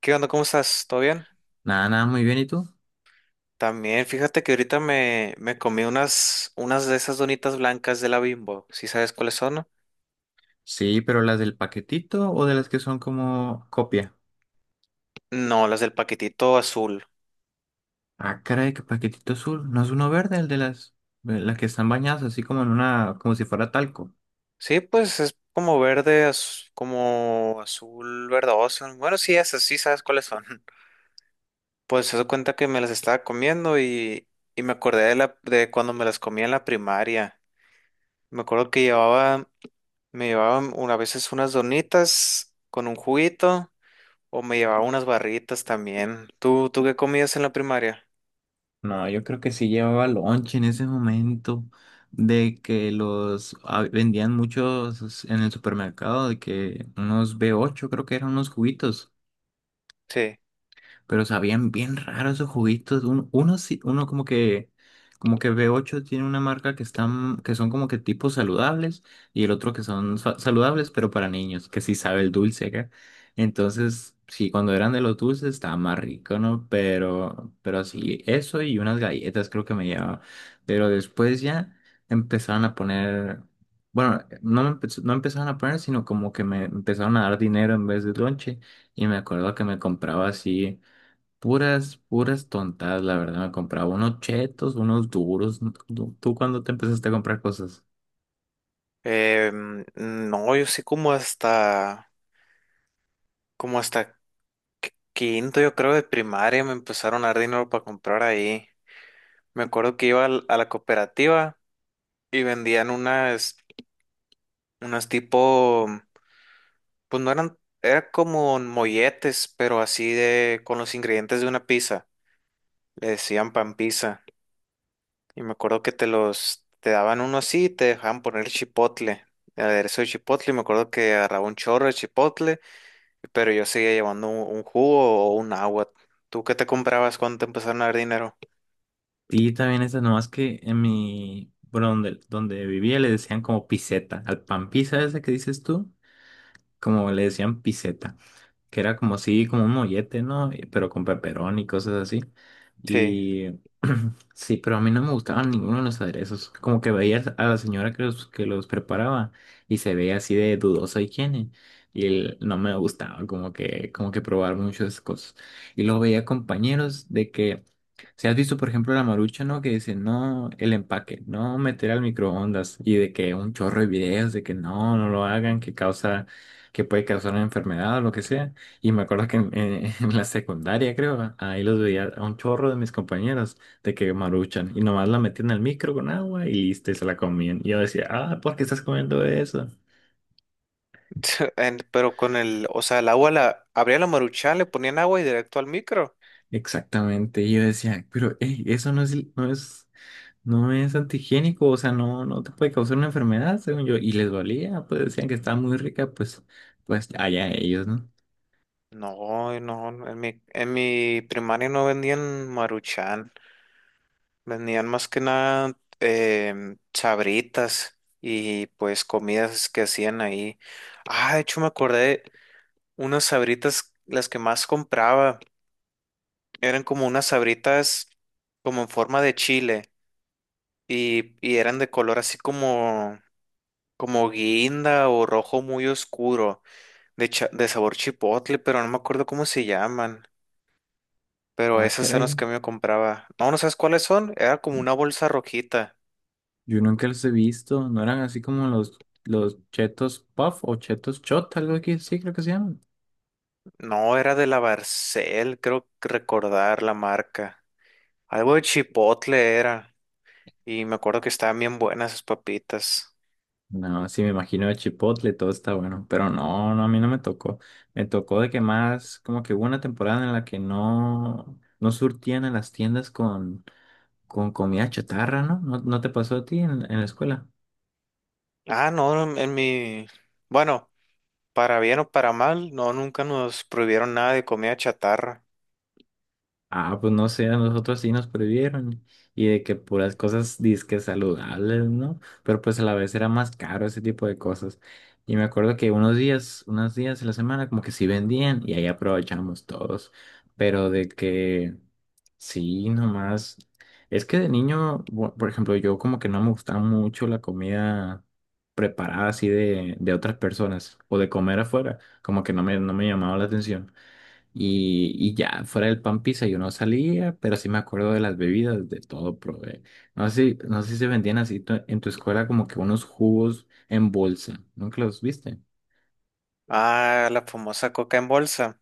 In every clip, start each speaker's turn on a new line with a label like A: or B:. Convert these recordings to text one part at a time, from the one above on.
A: ¿Qué onda? ¿Cómo estás? ¿Todo bien?
B: Nada, muy bien. ¿Y tú?
A: También, fíjate que ahorita me comí unas de esas donitas blancas de la Bimbo. ¿Sí sabes cuáles son? No,
B: Sí, pero las del paquetito o de las que son como copia.
A: no, las del paquetito azul.
B: Ah, caray, que paquetito azul. ¿No es uno verde, el de las que están bañadas así como en una, como si fuera talco?
A: Sí, pues es como verde, como azul verdoso. Bueno, sí, esas, sí sabes cuáles son. Pues se da cuenta que me las estaba comiendo y me acordé de cuando me las comía en la primaria. Me acuerdo que llevaba, me llevaban una, a veces unas donitas con un juguito. O me llevaba unas barritas también. ¿Tú qué comías en la primaria?
B: No, yo creo que sí llevaba lonche en ese momento de que los vendían muchos en el supermercado, de que unos B8 creo que eran unos juguitos.
A: Sí.
B: Pero sabían bien raro esos juguitos. Uno como que B8 tiene una marca que están, que son como que tipos saludables y el otro que son saludables, pero para niños, que sí sabe el dulce acá. Entonces, sí, cuando eran de los dulces estaba más rico, ¿no? Pero así, eso y unas galletas creo que me llevaba. Pero después ya empezaron a poner, bueno, no, no empezaron a poner, sino como que me empezaron a dar dinero en vez de lonche. Y me acuerdo que me compraba así. Puras tontadas, la verdad. Me compraba unos chetos, unos duros. ¿Tú cuándo te empezaste a comprar cosas?
A: Eh, mm, no, yo sí como hasta quinto, yo creo, de primaria me empezaron a dar dinero para comprar ahí. Me acuerdo que iba a la cooperativa y vendían unas, unas tipo, pues no eran, era como molletes, pero así de, con los ingredientes de una pizza. Le decían pan pizza. Y me acuerdo que te los, te daban uno así y te dejaban poner chipotle, el aderezo de chipotle. Y me acuerdo que agarraba un chorro de chipotle, pero yo seguía llevando un jugo o un agua. ¿Tú qué te comprabas cuando te empezaron a dar dinero?
B: Sí, también esas, nomás que en mi, bueno, donde vivía le decían como piseta. Al pan pizza ese que dices tú, como le decían piseta. Que era como así, como un mollete, ¿no? Y- Pero con peperón y cosas así.
A: Sí,
B: Y sí, pero a mí no me gustaban ninguno de los aderezos. Como que veías a la señora que los preparaba y se veía así de dudosa higiene. Y el- no me gustaba como que probar muchas cosas. Y luego veía compañeros de que si has visto, por ejemplo, la Marucha, ¿no? Que dice, no, el empaque, no meter al microondas. Y de que un chorro de videos de que no, no lo hagan, que causa, que puede causar una enfermedad o lo que sea. Y me acuerdo que en la secundaria, creo, ahí los veía a un chorro de mis compañeros de que maruchan. Y nomás la metían al micro con agua y listo, y se la comían. Y yo decía, ah, ¿por qué estás comiendo eso?
A: en- pero con el, o sea, el agua la, abría la maruchan, le ponían agua y directo al micro.
B: Exactamente. Y yo decía, pero, hey, eso no es, no es. No es antihigiénico, o sea, no, no te puede causar una enfermedad, según yo. Y les valía, pues decían que estaba muy rica, pues, pues allá ellos, ¿no?
A: No, no, en mi primaria no vendían maruchan. Vendían más que nada sabritas y pues comidas que hacían ahí. Ah, de hecho me acordé, unas sabritas, las que más compraba, eran como unas sabritas como en forma de chile y eran de color así como, como guinda o rojo muy oscuro, de, de sabor chipotle, pero no me acuerdo cómo se llaman. Pero
B: Ah,
A: esas eran las
B: caray.
A: que me compraba. No, no sabes cuáles son. Era como una bolsa rojita.
B: Yo nunca los he visto. No eran así como los chetos puff o chetos shot, algo así, sí, creo que se llaman.
A: No, era de la Barcel, creo que recordar la marca. Algo de chipotle era. Y me acuerdo que estaban bien buenas esas papitas.
B: No, sí, me imagino de Chipotle, todo está bueno. Pero no, a mí no me tocó. Me tocó de que más, como que hubo una temporada en la que no, no surtían a las tiendas con comida chatarra, ¿no? ¿No, no te pasó a ti en la escuela?
A: Ah, no, en mi... Bueno, para bien o para mal, no, nunca nos prohibieron nada de comida chatarra.
B: Ah, pues no sé, a nosotros sí nos prohibieron y de que puras cosas disque saludables, ¿no? Pero pues a la vez era más caro ese tipo de cosas. Y me acuerdo que unos días de la semana como que sí vendían y ahí aprovechamos todos, pero de que sí, nomás. Es que de niño, bu- por ejemplo, yo como que no me gustaba mucho la comida preparada así de otras personas o de comer afuera, como que no me, no me llamaba la atención. Y ya, fuera del pan pizza yo no salía, pero sí me acuerdo de las bebidas, de todo probé. No sé, si- no sé si se vendían así tu- en tu escuela como que unos jugos en bolsa. ¿Nunca los viste?
A: Ah, la famosa coca en bolsa.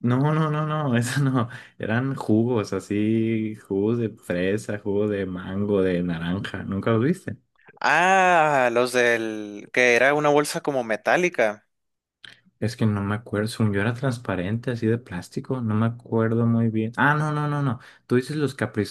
B: No, eso no. Eran jugos así, jugos de fresa, jugo de mango, de naranja. ¿Nunca los viste?
A: Ah, los del... que era una bolsa como metálica.
B: Es que no me acuerdo, según yo era transparente, así de plástico, no me acuerdo muy bien. Ah, no. ¿Tú dices los Capri?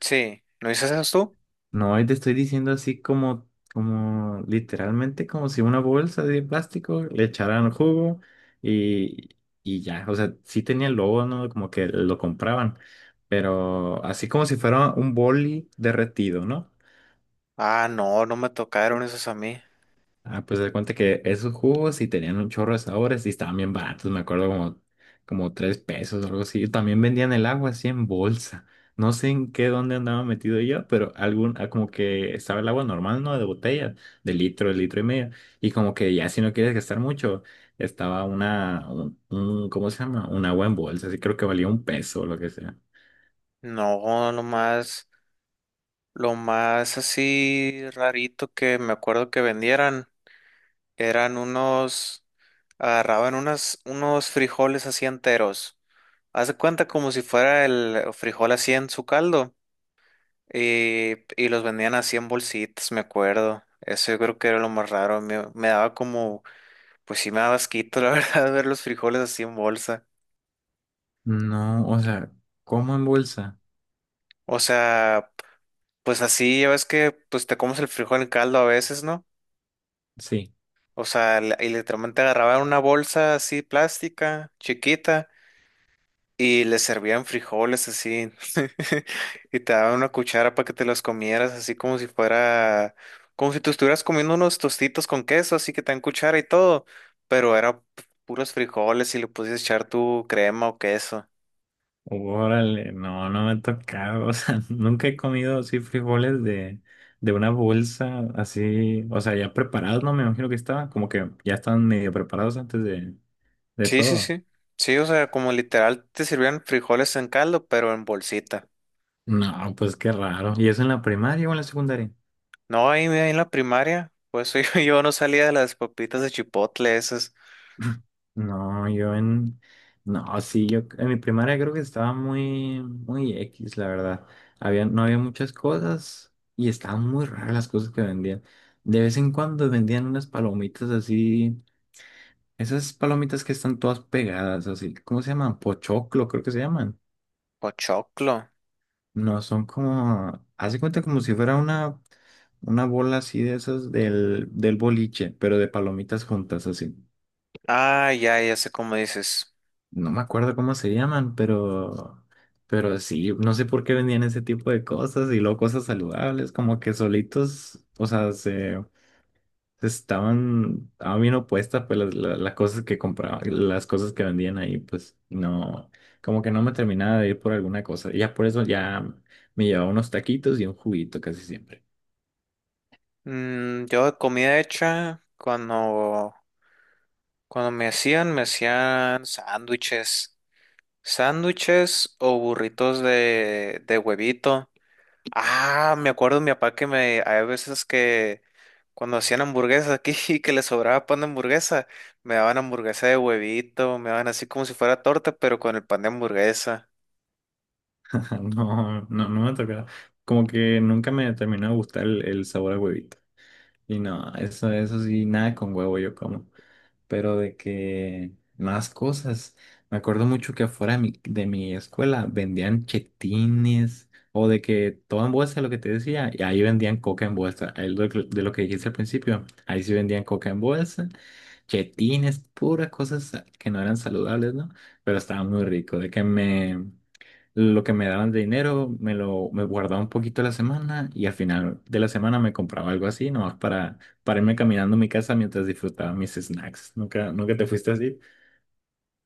A: Sí, ¿no dices eso tú?
B: No, y te estoy diciendo así como, como literalmente como si una bolsa de plástico le echaran jugo y, y ya. O sea, sí tenía el logo, ¿no? Como que lo compraban, pero así como si fuera un boli derretido, ¿no?
A: Ah, no, no me tocaron esos a mí.
B: Ah, pues se cuenta que esos jugos sí tenían un chorro de sabores y estaban bien baratos, me acuerdo como, como 3 pesos o algo así. Y también vendían el agua así en bolsa. No sé en qué dónde andaba metido yo, pero algún, ah, como que estaba el agua normal, ¿no? De botella, de litro y medio. Y como que ya si no quieres gastar mucho, estaba una, ¿cómo se llama? Un agua en bolsa, así creo que valía un peso o lo que sea.
A: No, nomás. Lo más así rarito que me acuerdo que vendieran eran unos, agarraban unas, unos frijoles así enteros. Haz de cuenta como si fuera el frijol así en su caldo. Y los vendían así en bolsitas, me acuerdo. Eso yo creo que era lo más raro. Me daba como, pues sí me daba asquito, la verdad, ver los frijoles así en bolsa.
B: No, o sea, ¿cómo en bolsa?
A: O sea, pues así, ya ves que pues te comes el frijol en caldo a veces, ¿no?
B: Sí.
A: O sea, y literalmente agarraban una bolsa así plástica, chiquita, y les servían frijoles así. Y te daban una cuchara para que te los comieras, así como si fuera, como si tú estuvieras comiendo unos tostitos con queso, así que te dan cuchara y todo. Pero era puros frijoles y le podías echar tu crema o queso.
B: Órale, no, no me ha tocado, o sea, nunca he comido así frijoles de una bolsa así, o sea, ya preparados, no me imagino que estaban, como que ya estaban medio preparados antes de
A: Sí, sí,
B: todo.
A: sí. Sí, o sea, como literal te sirvían frijoles en caldo, pero en bolsita.
B: No, pues qué raro. ¿Y eso en la primaria o en la secundaria?
A: No, ahí en la primaria, pues yo no salía de las papitas de chipotle esas.
B: No, yo en... No, sí, yo en mi primaria creo que estaba muy X, la verdad. No había muchas cosas y estaban muy raras las cosas que vendían. De vez en cuando vendían unas palomitas así. Esas palomitas que están todas pegadas, así, ¿cómo se llaman? Pochoclo, creo que se llaman.
A: Pochoclo.
B: No, son como, hace cuenta como si fuera una bola así de esas del boliche, pero de palomitas juntas, así.
A: Ah, ya, ya sé cómo dices.
B: No me acuerdo cómo se llaman, pero sí, no sé por qué vendían ese tipo de cosas y luego cosas saludables, como que solitos, o sea, se estaban bien opuestas, pues las, la- las cosas que compraba, las cosas que vendían ahí, pues no, como que no me terminaba de ir por alguna cosa. Y ya por eso ya me llevaba unos taquitos y un juguito casi siempre.
A: Mm, yo de comida hecha, cuando, cuando me hacían sándwiches. Sándwiches o burritos de huevito. Ah, me acuerdo de mi papá que me, hay veces que cuando hacían hamburguesas aquí y que le sobraba pan de hamburguesa, me daban hamburguesa de huevito, me daban así como si fuera torta, pero con el pan de hamburguesa.
B: No me tocaba. Como que nunca me terminó de gustar el sabor a huevito. Y no, eso sí, nada con huevo yo como. Pero de que más cosas. Me acuerdo mucho que afuera de mi escuela vendían chetines o de que todo en bolsa, lo que te decía, y ahí vendían coca en bolsa. Ahí lo que- de lo que dijiste al principio, ahí sí vendían coca en bolsa, chetines, puras cosas que no eran saludables, ¿no? Pero estaba muy rico, de que me... Lo que me daban de dinero me lo me guardaba un poquito a la semana y al final de la semana me compraba algo así, nomás para irme caminando a mi casa mientras disfrutaba mis snacks. ¿Nunca te fuiste así?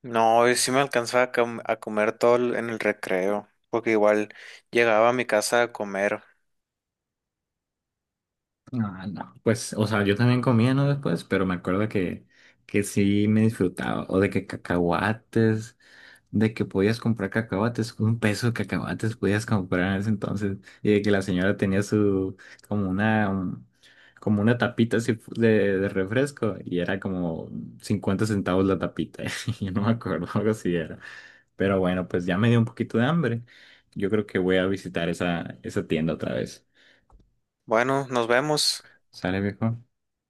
A: No, yo sí me alcanzaba a, a comer en el recreo, porque igual llegaba a mi casa a comer.
B: Ah, no. Pues, o sea, yo también comía, ¿no? Después, pero me acuerdo que sí me disfrutaba. O de que cacahuates, de que podías comprar cacahuates, un peso de cacahuates podías comprar en ese entonces. Y de que la señora tenía su, como una, un- como una tapita así fu- de refresco. Y era como 50 centavos la tapita. Yo no me acuerdo, algo así era. Pero bueno, pues ya me dio un poquito de hambre. Yo creo que voy a visitar esa, esa tienda otra vez.
A: Bueno, nos vemos.
B: ¿Sale, viejo?